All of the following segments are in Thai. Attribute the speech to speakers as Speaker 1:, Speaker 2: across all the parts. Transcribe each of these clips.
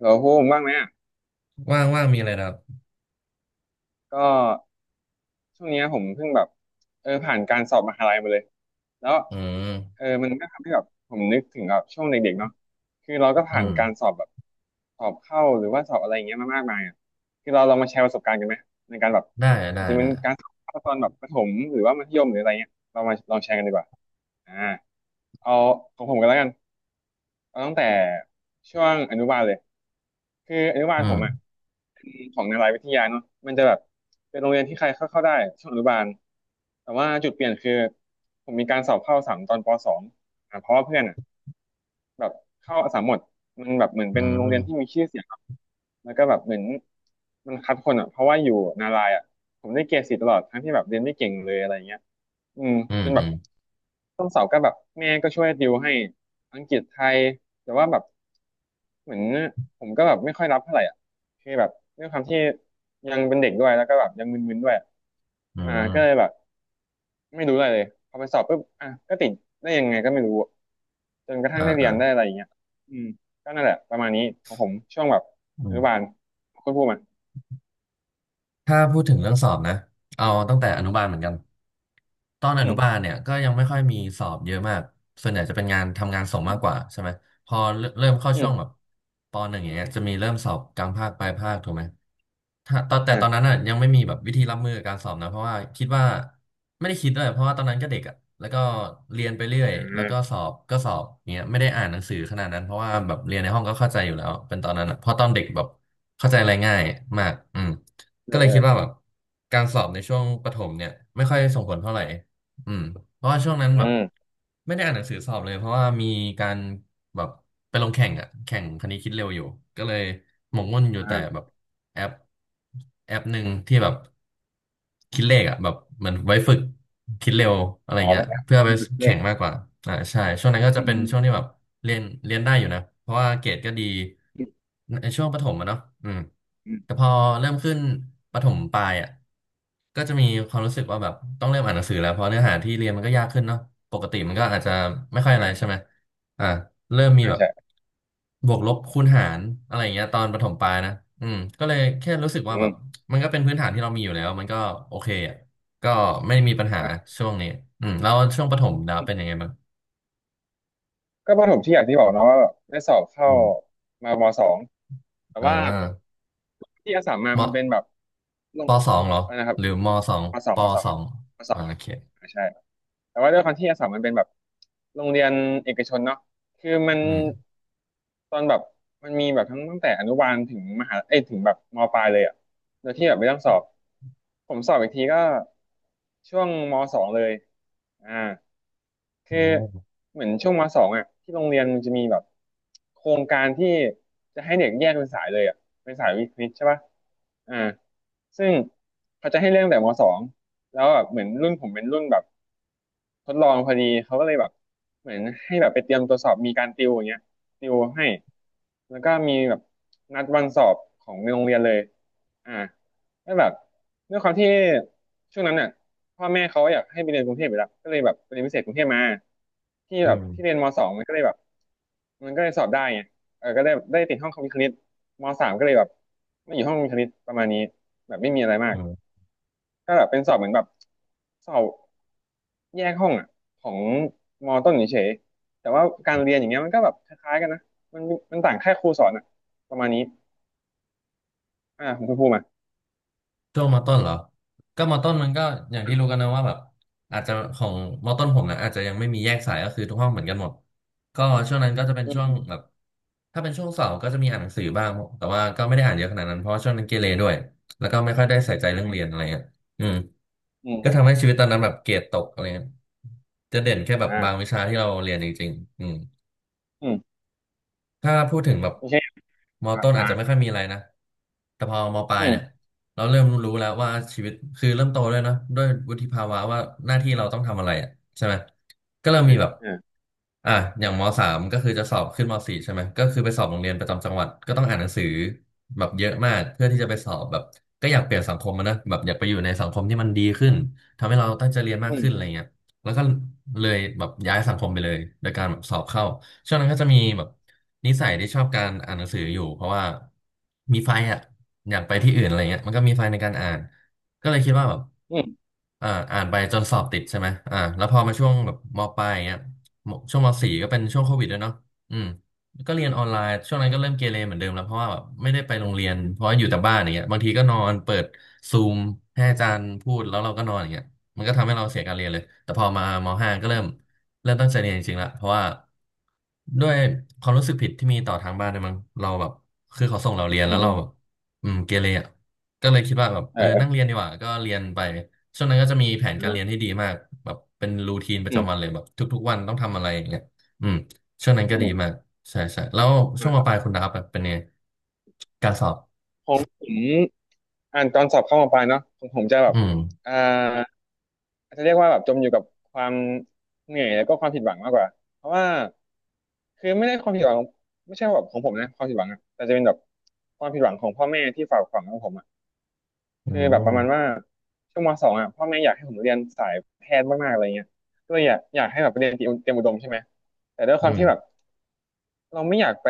Speaker 1: พูดผมบ้างไหมอ่ะ
Speaker 2: ว่างว่างมีอะไรนะครับ
Speaker 1: ก็ช่วงเนี้ยผมเพิ่งแบบผ่านการสอบมหาลัยมาเลยแล้ว
Speaker 2: อืม
Speaker 1: มันก็ทำให้แบบผมนึกถึงแบบช่วงเด็กๆเนาะคือเราก็
Speaker 2: อื
Speaker 1: ผ่านการ
Speaker 2: ม
Speaker 1: สอบแบบสอบเข้าหรือว่าสอบอะไรอย่างเงี้ยมามากมายอ่ะคือเราลองมาแชร์ประสบการณ์กันไหมในการแบบ
Speaker 2: ได้
Speaker 1: อาจ
Speaker 2: ได้
Speaker 1: จะเป็น
Speaker 2: ได้
Speaker 1: การสอบเข้าตอนแบบประถมหรือว่ามัธยมหรืออะไรเงี้ยเรามาลองแชร์กันดีกว่าอ่าเอาของผมกันแล้วกัน เอาตั้งแต่ช่วงอนุบาลเลยคืออนุบาล
Speaker 2: อื
Speaker 1: ผมอ่ะ
Speaker 2: ม
Speaker 1: ของนารายวิทยาเนาะมันจะแบบเป็นโรงเรียนที่ใครเข้าเข้าได้ช่วงอนุบาลแต่ว่าจุดเปลี่ยนคือผมมีการสอบเข้าสามตอนปสองอ่ะเพราะว่าเพื่อนอ่ะแบบเข้าสามหมดมันแบบเหมือน
Speaker 2: อื
Speaker 1: เป็นโรงเรียนที่
Speaker 2: ม
Speaker 1: มีชื่อเสียงเนอะแล้วก็แบบเหมือนมันคัดคนอ่ะเพราะว่าอยู่นารายอ่ะผมได้เกรดสี่ตลอดทั้งที่แบบเรียนไม่เก่งเลยอะไรเงี้ย อืม
Speaker 2: อื
Speaker 1: จ
Speaker 2: ม
Speaker 1: นแบ
Speaker 2: อื
Speaker 1: บ
Speaker 2: ม
Speaker 1: ต้นเสาร์ก็แบบแม่ก็ช่วยติวให้อังกฤษไทยแต่ว่าแบบเหมือนผมก็แบบไม่ค่อยรับเท่าไหร่อ่ะคือแบบด้วยความที่ยังเป็นเด็กด้วยแล้วก็แบบยังมึนๆด้วย
Speaker 2: อื
Speaker 1: ก็เลย
Speaker 2: ม
Speaker 1: แบบไม่รู้อะไรเลยพอไปสอบปุ๊บอ่ะก็ติดได้ยังไงก็ไม่รู้จนกระทั่
Speaker 2: อ่า
Speaker 1: งได้เรี
Speaker 2: อ่า
Speaker 1: ยนได้อะไรอย่างเงี้ยอืมก็นั่นแหละประมาณนี้ของผมช่วงแบบ
Speaker 2: อื
Speaker 1: อ
Speaker 2: ม
Speaker 1: นุบาลคุณพูดมา
Speaker 2: ถ้าพูดถึงเรื่องสอบนะ เอาตั้งแต่อนุบาลเหมือนกัน ตอนอ
Speaker 1: อื
Speaker 2: นุ
Speaker 1: ม
Speaker 2: บาลเนี่ยก็ยังไม่ค่อยมีสอบเยอะมากส่วนใหญ่จะเป็นงานทำงานส่ง
Speaker 1: อื
Speaker 2: มากก
Speaker 1: ม
Speaker 2: ว่าใช่ไหมพอเริ่มเข้า
Speaker 1: อื
Speaker 2: ช่ว
Speaker 1: ม
Speaker 2: งแบบปหนึ่งอย่างเงี้ยจะมีเริ่มสอบกลางภาคปลายภาคถูกไหมถ้าตอนแต่ตอนนั้น
Speaker 1: อ่า
Speaker 2: อ่ะยังไม่มีแบบวิธีรับมือกับการสอบนะเพราะว่าคิดว่าไม่ได้คิดด้วยเพราะว่าตอนนั้นก็เด็กอ่ะแล้วก็เรียนไปเรื่อยแล้วก็สอบก็สอบเงี้ยไม่ได้อ่านหนังสือขนาดนั้นเพราะว่าแบบเรียนในห้องก็เข้าใจอยู่แล้วเป็นตอนนั้นอะเพราะตอนเด็กแบบเข้าใจอะไรง่ายมากอืม
Speaker 1: เอ
Speaker 2: ก็
Speaker 1: อ
Speaker 2: เลย
Speaker 1: เอ
Speaker 2: คิด
Speaker 1: อ
Speaker 2: ว่าแบบการสอบในช่วงประถมเนี่ยไม่ค่อยส่งผลเท่าไหร่ อืมเพราะว่าช่วงนั้น
Speaker 1: อื
Speaker 2: แบบ
Speaker 1: ม
Speaker 2: ไม่ได้อ่านหนังสือสอบเลยเพราะว่ามีการแบบไปลงแข่งอ่ะแข่งคณิตคิดเร็วอยู่ก็เลยหมกมุ่นอยู่
Speaker 1: อ่
Speaker 2: แต่
Speaker 1: า
Speaker 2: แบบแอปแอปหนึ่งที่แบบคิดเลขอ่ะแบบเหมือนไว้ฝึกคิดเร็วอะไร
Speaker 1: อ๋อ
Speaker 2: เงี้
Speaker 1: เป็
Speaker 2: ย
Speaker 1: นไง
Speaker 2: เพื่อไป
Speaker 1: ก็คือเล
Speaker 2: แข่
Speaker 1: ข
Speaker 2: งมากกว่าอ่าใช่ช่วงนั้นก็จะ
Speaker 1: อื
Speaker 2: เป็นช่วงที่แบ
Speaker 1: ม
Speaker 2: บเรียนได้อยู่นะเพราะว่าเกรดก็ดี
Speaker 1: อืม
Speaker 2: ในช่วงประถมอะเนาะอืม
Speaker 1: อ
Speaker 2: แต่
Speaker 1: ม
Speaker 2: พอเริ่มขึ้นประถมปลายอ่ะ ก็จะมีความรู้สึกว่าแบบต้องเริ่มอ่านหนังสือแล้วเพราะเนื้อหาที่เรียนมันก็ยากขึ้นเนาะปกติมันก็อาจจะไม่ค่อยอะไรใช่ไหมอ่าเริ่มมีแบบ
Speaker 1: ใช่
Speaker 2: บวกลบคูณหารอะไรอย่างเงี้ยตอนประถมปลายนะอืมก็เลยแค่รู้สึกว่า
Speaker 1: อื
Speaker 2: แบบ
Speaker 1: ม
Speaker 2: มันก็เป็นพื้นฐานที่เรามีอยู่แล้วมันก็โอเคอ่ะก็ไม่มีปัญหา
Speaker 1: อ่ะ
Speaker 2: ช่วงนี้อืมแล้วช่วงประถมดาวเป็นยังไงบ้าง
Speaker 1: ก็ประถมที่อย่างที่บอกเนาะว่าแบบได้สอบเข้า
Speaker 2: อืม
Speaker 1: มามสองแต่
Speaker 2: อ่
Speaker 1: ว่า
Speaker 2: า
Speaker 1: ที่อาสามมา
Speaker 2: ม
Speaker 1: มันเป็นแบบล
Speaker 2: ป
Speaker 1: ง
Speaker 2: สองเหรอ
Speaker 1: อะไรนะครับ
Speaker 2: หรือมสอง
Speaker 1: มสอง
Speaker 2: ป
Speaker 1: มสอง
Speaker 2: สอง
Speaker 1: มสอ
Speaker 2: อ่า
Speaker 1: งมสอ
Speaker 2: โอ
Speaker 1: ง
Speaker 2: เค
Speaker 1: ใช่แต่ว่าด้วยความที่อาสามมันเป็นแบบโรงเรียนเอกชนเนาะคือมัน
Speaker 2: อืม
Speaker 1: ตอนแบบมันมีแบบทั้งตั้งแต่อนุบาลถึงมหาเอ้ยถึงแบบมปลายเลยอ่ะโดยที่แบบไม่ต้องสอบผมสอบอีกทีก็ช่วงมสองเลยอ่า คือ
Speaker 2: โอ้
Speaker 1: เหมือนช่วงมสองอ่ะที่โรงเรียนมันจะมีแบบโครงการที่จะให้เด็กแยกเป็นสายเลยอ่ะเป็นสายวิทย์วิทใช่ป่ะอ่าซึ่งเขาจะให้เร่องแต่มสองแล้วแบบเหมือนรุ่นผมเป็นรุ่นแบบทดลองพอดีเขาก็เลยแบบเหมือนให้แบบไปเตรียมตัวสอบมีการติวอย่างเงี้ยติวให้แล้วก็มีแบบนัดวันสอบของในโรงเรียนเลยอ่าแล้วแบบด้วยความที่ช่วงนั้นอ่ะ พ่อแม่เขาอยากให้ไปเรียนกรุงเทพอยู่แล้วก็เลยแบบไปเรียนพิเศษกรุงเทพมาที่
Speaker 2: อื
Speaker 1: แบบ
Speaker 2: ม
Speaker 1: ที่เรียนมสองมันก็เลยแบบมันก็เลยสอบได้ไงก็ได้ติดห้องคอมพิวเตอร์คณิตมสามก็เลยแบบไม่อยู่ห้องคอมพิวเตอร์คณิตประมาณนี้แบบไม่มีอะไรมา
Speaker 2: อื
Speaker 1: ก
Speaker 2: ม
Speaker 1: ก็แบบเป็นสอบเหมือนแบบสอบแยกห้องอ่ะของมต้นเฉยๆแต่ว่าการเรียนอย่างเงี้ยมันก็แบบคล้ายๆกันนะมันมันต่างแค่ครูสอนอ่ะประมาณนี้ของคุณภูมิอ่ะ
Speaker 2: ช่วงมอต้นเหรอก็มอต้นมันก็อย่างที่รู้กันนะว่าแบบอาจจะของมต้นผมนะอาจจะยังไม่มีแยกสายก็คือทุกห้องเหมือนกันหมดก็ช่วงนั้นก็จะเป็น
Speaker 1: อื
Speaker 2: ช่วง
Speaker 1: ม
Speaker 2: แบบถ้าเป็นช่วงเสาร์ก็จะมีอ่านหนังสือบ้างแต่ว่าก็ไม่ได้อ่านเยอะขนาดนั้นเพราะว่าช่วงนั้นเกเรด้วยแล้วก็ไม่ค่อยได้ใส่ใจเรื่องเรียนอะไรเงี้ยอืม
Speaker 1: อื
Speaker 2: ก็ทำให้
Speaker 1: ม
Speaker 2: ชีวิตตอนนั้นแบบเกรดตกอะไรเงี้ยจะเด่นแค่แบบ
Speaker 1: อืม
Speaker 2: บางวิชาที่เราเรียนจริงๆอืม
Speaker 1: อืม
Speaker 2: ถ้าพูดถึงแบบ
Speaker 1: โอเค
Speaker 2: มอ
Speaker 1: อ่า
Speaker 2: ต้นอาจ
Speaker 1: อ่า
Speaker 2: จะไม่ค่อยมีอะไรนะแต่พอมอปลา
Speaker 1: อื
Speaker 2: ย
Speaker 1: ม
Speaker 2: เนี่ยเราเริ่มรู้แล้วว่าชีวิตคือเริ่มโตด้วยเนอะด้วยวุฒิภาวะว่าหน้าที่เราต้องทำอะไรอ่ะใช่ไหมก็เริ่ม
Speaker 1: เอ
Speaker 2: มี
Speaker 1: อ
Speaker 2: แบบ
Speaker 1: เออ
Speaker 2: อ่ะอย่างมสามก็คือจะสอบขึ้นมสี่ใช่ไหมก็คือไปสอบโรงเรียนประจำจังหวัดก็ต้องอ่านหนังสือแบบเยอะมากเพื่อที่จะไปสอบแบบก็อยากเปลี่ยนสังคมอะนะแบบอยากไปอยู่ในสังคมที่มันดีขึ้นทำให้เราตั้งใจเรียนมา
Speaker 1: อื
Speaker 2: กขึ้นอะไร
Speaker 1: ม
Speaker 2: เงี้ย แล้วก็เลยแบบย้ายสังคมไปเลยโดยการแบบสอบเข้าช่วงนั้นก็จะมีแบบนิสัยที่ชอบการอ่านหนังสืออยู่เพราะว่ามีไฟอ่ะอยากไปที่อื่นอะไรเงี้ยมันก็มีไฟในการอ่านก็เลยคิดว่าแบบ
Speaker 1: อืม
Speaker 2: อ่านไปจนสอบติดใช่ไหมอ่าแล้วพอมาช่วงแบบมปลายอย่างเงี้ยมช่วงมสี่ก็เป็นช่วงโควิดด้วยเนาะอืมก็เรียนออนไลน์ช่วงนั้นก็เริ่มเกเรเหมือนเดิมแล้วเพราะว่าแบบไม่ได้ไปโรงเรียนเพราะว่าอยู่แต่บ้านอย่างเงี้ยบางทีก็นอนเปิดซูมให้อาจารย์พูดแล้วเราก็นอนอย่างเงี้ย มันก็ทำให้เราเสียการเรียนเลย แต่พอมามห้าก็เริ่
Speaker 1: อื
Speaker 2: ม
Speaker 1: ม
Speaker 2: ตั้งใจเรียนจริงๆละเพราะว่าด้วยความรู้สึกผิดที่มีต่อทางบ้านเนี่ยมั้งเราแบบคือเขาส่งเราเรียน
Speaker 1: อื
Speaker 2: แล้วเราแบบ
Speaker 1: ม
Speaker 2: อืมเกเรอ่ะก็เลยคิดว่าแบบ
Speaker 1: เอ
Speaker 2: เออ
Speaker 1: อเออ
Speaker 2: นั่งเรียนดีกว่าก็เรียนไปช่วงนั้นก็จะมีแผนการเรียน
Speaker 1: เอ
Speaker 2: ที่
Speaker 1: อ
Speaker 2: ดีมากแบบเป็นรูทีนประ
Speaker 1: อืม
Speaker 2: จำวันเลยแบบทุกๆวันต้องทำอะไรอย่างเงี้ยอืมช่วงนั้น
Speaker 1: อื
Speaker 2: ก็ดี
Speaker 1: ม
Speaker 2: มากใช่ใช่แล้วช่วง
Speaker 1: นะ
Speaker 2: ม
Speaker 1: ครั
Speaker 2: ป
Speaker 1: บ
Speaker 2: ลายคุณดาบแบบเป็นไงการสอบ
Speaker 1: ของผมอ่านตอนสอบเข้ามปลายเนาะของผมจะแบบ
Speaker 2: อืม
Speaker 1: อ่าอาจจะเรียกว่าแบบจมอยู่กับความเหนื่อยแล้วก็ความผิดหวังมากกว่าเพราะว่าคือไม่ได้ความผิดหวังไม่ใช่ว่าแบบของผมนะความผิดหวังอะแต่จะเป็นแบบความผิดหวังของพ่อแม่ที่ฝากฝังกับผมอ่ะ
Speaker 2: อื
Speaker 1: คือแบบป
Speaker 2: ม
Speaker 1: ระมาณว่าช่วงมสองอ่ะพ่อแม่อยากให้ผมเรียนสายแพทย์มากๆอะไรเงี้ยก็เลยอยากให้แบบไปเรียนเตรียมอุดมใช่ไหมแต่ด้วยค
Speaker 2: อื
Speaker 1: วาม
Speaker 2: ม
Speaker 1: ที่แบบ เราไม่อยากไป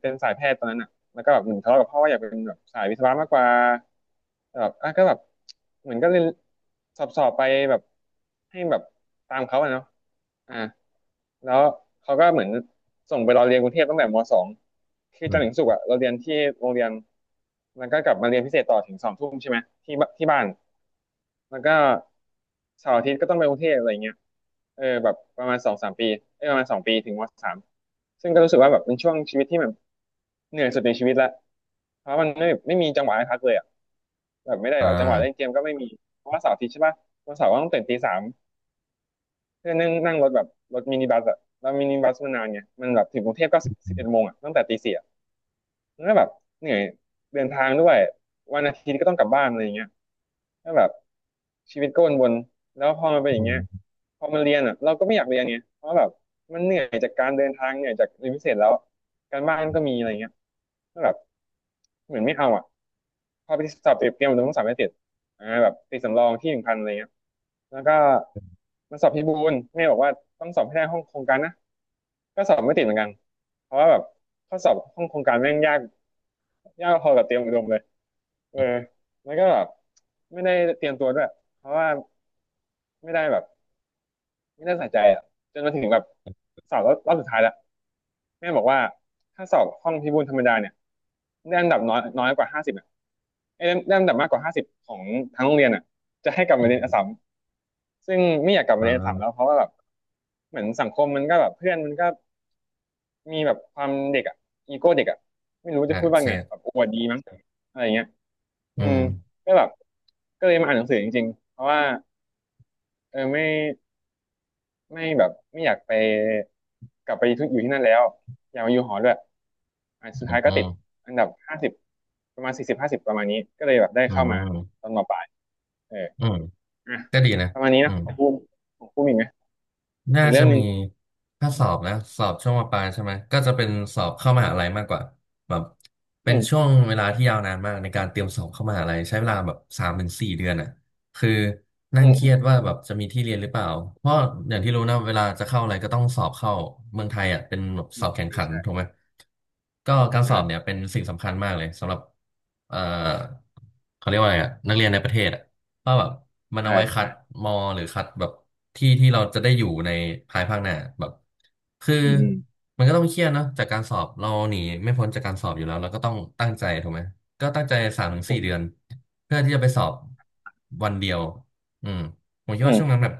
Speaker 1: เป็นสายแพทย์ตอนนั้นอ่ะแล้วก็แบบเหมือนทะเลาะกับพ่อว่าอยากเป็นแบบสายวิศวะมากกว่าแต่แบบอ่ะก็แบบเหมือนก็เรียนสอบไปแบบให้แบบตามเขาอะเนาะอ่าแล้วเขาก็เหมือนส่งไปเราเรียนกรุงเทพตั้งแต่มสองคือ
Speaker 2: อื
Speaker 1: จันทร์ถึง
Speaker 2: ม
Speaker 1: ศุกร์อะเราเรียนที่โรงเรียน แล้วก็กลับมาเรียนพิเศษต่อถึงสองทุ่มใช่ไหมที่บ้าน แล้วก็เสาร์อาทิตย์ก็ต้องไปกรุงเทพอะไรเงี้ยเออแบบประมาณสองสามปีเออประมาณ2 ปีถึงม.3ซึ่งก็รู้สึกว่าแบบเป็นช่วงชีวิตที่แบบเหนื่อยสุดในชีวิตละเพราะมันไม่มีจังหวะให้พักเลยอ่ะแบบไม่ได้
Speaker 2: อ่
Speaker 1: หรอจังหวะเล่น
Speaker 2: า
Speaker 1: เกมก็ไม่มีเพราะว่าเสาร์อาทิตย์ใช่ปะวันเสาร์ก็ต้องตื่นตี 3เพื่อนั่งนั่งรถแบบรถมินิบัสอ่ะแล้วมินิบัสมันนานไงมันแบบถึงกรุงเทพก็สิบเอ็ด
Speaker 2: อื
Speaker 1: โมงอ่ะตั้งแต่ตี 4อ่ะมันก็แบบเหนื่อยเดินทางด้วยวันอาทิตย์ก็ต้องกลับบ้านอะไรอย่างเงี้ย ก็แบบชีวิตก็วนๆแล้วพอมันเป็นอย่างเงี้ย
Speaker 2: ม
Speaker 1: พอมันเรียนอ่ะเราก็ไม่อยากเรียนไงเพราะแบบมันเหนื่อยจากการเดินทางเหนื่อยจากเรียนพิเศษแล้วการบ้านก็มีอะไรเงี้ยก็แบบเหมือนไม่เอาอ่ะพอไปสอบเตรียมตัวต้องสอบให้เสร็จอ่าแบบติดสำรองที่1,000อะไรเงี้ยแล้วก็มันสอบพิบูลแม่บอกว่าต้องสอบให้ได้ห้องโครงการนะก็สอบไม่ติดเหมือนกันเพราะว่าแบบข้อสอบห้องโครงการแม่งยากยากพอกับเตรียมอุดมเลยเออแล้วก็แบบไม่ได้เตรียมตัวด้วยเพราะว่าไม่ได้แบบ ไม่น่าสนใจอ่ะจนมาถึงแบบสอบรอบสุดท้ายแล้วแม่บอกว่าถ้าสอบห้องพิบูลธรรมดาเนี่ยได้อันดับน้อยน้อยกว่าห้าสิบอ่ะไอ้ยได้ได้อันดับมากกว่าห้าสิบของทั้งโรงเรียนอ่ะจะให้กลับ
Speaker 2: อื
Speaker 1: มาเรียนอัสสั
Speaker 2: ม
Speaker 1: มซึ่งไม่อยากกลับ
Speaker 2: อ่
Speaker 1: มาเรียนอัสสัมแล้ว
Speaker 2: า
Speaker 1: เพราะว่าแบบเหมือนสังคมมันก็แบบเพื่อนมันก็มีแบบความเด็กอ่ะอีโก้เด็กอ่ะไม่รู้
Speaker 2: อ่า
Speaker 1: จะพูดว่า
Speaker 2: ใช่
Speaker 1: ไงอะแบบอวดดีมั้งอะไรเงี้ย
Speaker 2: อื
Speaker 1: อืม
Speaker 2: ม
Speaker 1: ก็แบบก็เลยมาอ่านหนังสือจริงๆเพราะว่าเออไม่ ไม่แบบไม่อยากไปกลับไปทุกอยู่ที่นั่นแล้วอยากมาอยู่หอด้วยอ่ะ
Speaker 2: อื
Speaker 1: สุดท้า
Speaker 2: ม
Speaker 1: ย
Speaker 2: อื
Speaker 1: ก็ติ
Speaker 2: ม
Speaker 1: ดอันดับห้าสิบประมาณ40ห้าสิบประมาณนี้ก็เลยแบบได้
Speaker 2: อื
Speaker 1: เข้ามา
Speaker 2: ม
Speaker 1: ตอนม.ปลายเออ
Speaker 2: อืม
Speaker 1: อ่ะ
Speaker 2: ก็ดีนะ
Speaker 1: ประมาณนี้
Speaker 2: อื
Speaker 1: นะ
Speaker 2: ม
Speaker 1: ของพูดของพูดอีกไหม
Speaker 2: น่า
Speaker 1: อีกเรื่
Speaker 2: จะ
Speaker 1: องหนึ่
Speaker 2: มี
Speaker 1: ง
Speaker 2: ถ้าสอบนะสอบช่วงมปลายใช่ไหมก็จะเป็นสอบเข้ามหาลัยมากกว่าแบบเป็
Speaker 1: อื
Speaker 2: น
Speaker 1: ม
Speaker 2: ช่วงเวลาที่ยาวนานมากในการเตรียมสอบเข้ามหาลัยใช้เวลาแบบสามถึงสี่เดือนอ่ะคือนั่
Speaker 1: อื
Speaker 2: ง
Speaker 1: ม
Speaker 2: เครี
Speaker 1: อื
Speaker 2: ย
Speaker 1: ม
Speaker 2: ดว่าแบบจะมีที่เรียนหรือเปล่าเพราะอย่างที่รู้นะเวลาจะเข้าอะไรก็ต้องสอบเข้าเมืองไทยอ่ะเป็นแบบ
Speaker 1: อื
Speaker 2: สอ
Speaker 1: ม
Speaker 2: บแข่ง
Speaker 1: ใช่
Speaker 2: ขันถูก
Speaker 1: ใช่
Speaker 2: ไหมก็การสอบเนี่
Speaker 1: อ่า
Speaker 2: ยเป็นสิ่งสำคัญมากเลยสำหรับเอ่อเขาเรียกว่าอะไรอ่ะนักเรียนในประเทศอ่ะ ว่าแบบมันเอา
Speaker 1: ใช่
Speaker 2: ไว้คั
Speaker 1: ใช่
Speaker 2: ดมอหรือคัดแบบที่ที่เราจะได้อยู่ในภายภาคหน้าแบบคือ
Speaker 1: อืมอืม
Speaker 2: มันก็ต้องเครียดเนาะจากการสอบเราหนีไม่พ้นจากการสอบอยู่แล้วเราก็ต้องตั้งใจถูกไหมก็ตั้งใจสามถึง
Speaker 1: ถู
Speaker 2: สี่
Speaker 1: ก
Speaker 2: เดือนเพื่อที่จะไปสอบวันเดียวอืมผมคิดว่า
Speaker 1: อื
Speaker 2: ช่วง
Speaker 1: ม
Speaker 2: นั้นแบบ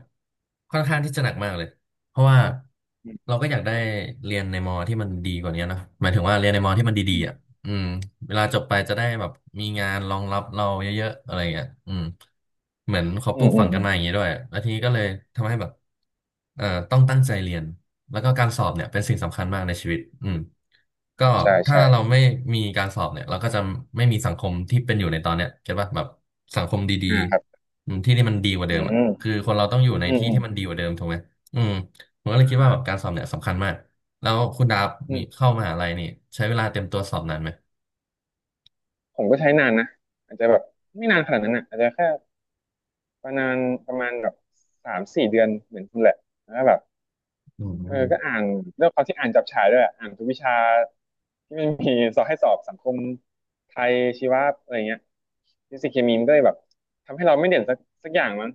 Speaker 2: ค่อนข้างที่จะหนักมากเลยเพราะว่า
Speaker 1: อื
Speaker 2: เรา
Speaker 1: ม
Speaker 2: ก็อยากได้เรียนในมอที่มันดีกว่านี้เนอะหมายถึงว่าเรียนในมอที่มันดี
Speaker 1: อืม
Speaker 2: ๆอ่ะ อืมเวลาจบไปจะได้แบบมีงานรองรับเราเยอะๆอะไรเงี้ยอืมเหมือนเขา
Speaker 1: อื
Speaker 2: ปลู
Speaker 1: ม
Speaker 2: ก
Speaker 1: อื
Speaker 2: ฝั
Speaker 1: ม
Speaker 2: ง
Speaker 1: อื
Speaker 2: กัน
Speaker 1: ม
Speaker 2: มาอย่างนี้ด้วยแล้วทีนี้ก็เลยทำให้แบบเอ่อต้องตั้งใจเรียนแล้วก็การสอบเนี่ยเป็นสิ่งสำคัญมากในชีวิตอืมก็
Speaker 1: อ่าใช่
Speaker 2: ถ้า
Speaker 1: ใช่
Speaker 2: เราไม่มีการสอบเนี่ยเราก็จะไม่มีสังคมที่เป็นอยู่ในตอนเนี้ยเก็ตป่ะแบบสังคมดี
Speaker 1: อ่าครับ
Speaker 2: ๆอืมที่ที่มันดีกว่า
Speaker 1: อื
Speaker 2: เดิม
Speaker 1: ม
Speaker 2: อ่ะคือ
Speaker 1: อื
Speaker 2: คนเราต้องอยู่ใน
Speaker 1: ม
Speaker 2: ที่
Speaker 1: อืม
Speaker 2: ที่มันดีกว่าเดิมถูกไหมอืมผมก็เลยคิดว่าแบบการสอบเนี่ยสำคัญมากแล้วคุณดาบ
Speaker 1: อื
Speaker 2: มี
Speaker 1: ม
Speaker 2: เข้ามหาลัยนี่ใช้เวลาเตรียมตัวสอบนานไหม
Speaker 1: ผมก็ใช้นานนะอาจจะแบบไม่นานขนาดนั้นอ่ะอาจจะแค่ ประมาณประมาณแบบ3-4 เดือนเหมือนคุณแหละแล้วก็แบบ
Speaker 2: อื
Speaker 1: เออ
Speaker 2: ม
Speaker 1: ก็อ่านเรื่องความที่อ่านจับฉายด้วยอะอ่านทุกวิชาที่มันมีสอบให้สอบสังคมไทยชีวะอะไรเงี้ยฟิสิกส์เคมีมันก็เลยแบบทำให้เราไม่เด่นสักอย่างมั้ง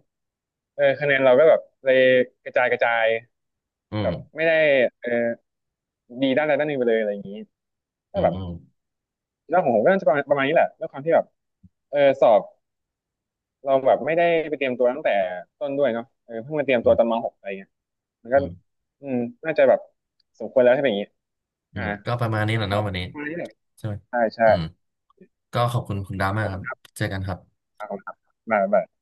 Speaker 1: เออคะแนนเราก็แบบเลยกระจายกระจาย
Speaker 2: อื
Speaker 1: แบบ
Speaker 2: ม
Speaker 1: ไม่ได้เออดีด้านใดด้านหนึ่งไปเลยอะไรอย่างนี้ก็
Speaker 2: อืม
Speaker 1: แบบ
Speaker 2: อืม
Speaker 1: เรื่องของผมก็น่าจะประมาณนี้แหละด้วยความที่แบบเออสอบเราแบบไม่ได้ไปเตรียมตัวตั้งแต่ต้นด้วยเนาะเออเพิ่งมาเตรียม
Speaker 2: อื
Speaker 1: ตัวตอน
Speaker 2: ม
Speaker 1: ม.6อะไรเงี้ย มันก็
Speaker 2: อืม อืม
Speaker 1: อืมน่าจะแบบสมควรแล้วใช่ไหมอย่างนี้อ่า
Speaker 2: ก็ประมาณนี้แหละ
Speaker 1: ก็
Speaker 2: เนาะวันนี้
Speaker 1: ประมาณนี้แหละ
Speaker 2: ใช่ไหม
Speaker 1: ใช่ใช่
Speaker 2: อืม ก็ขอบคุณคุณดา
Speaker 1: อ่ะ
Speaker 2: มา
Speaker 1: ข
Speaker 2: ก
Speaker 1: อบ
Speaker 2: ค
Speaker 1: คุ
Speaker 2: รับ
Speaker 1: ณครับ
Speaker 2: เจอกันครับ
Speaker 1: ขอบคุณครับบ๊ายบาย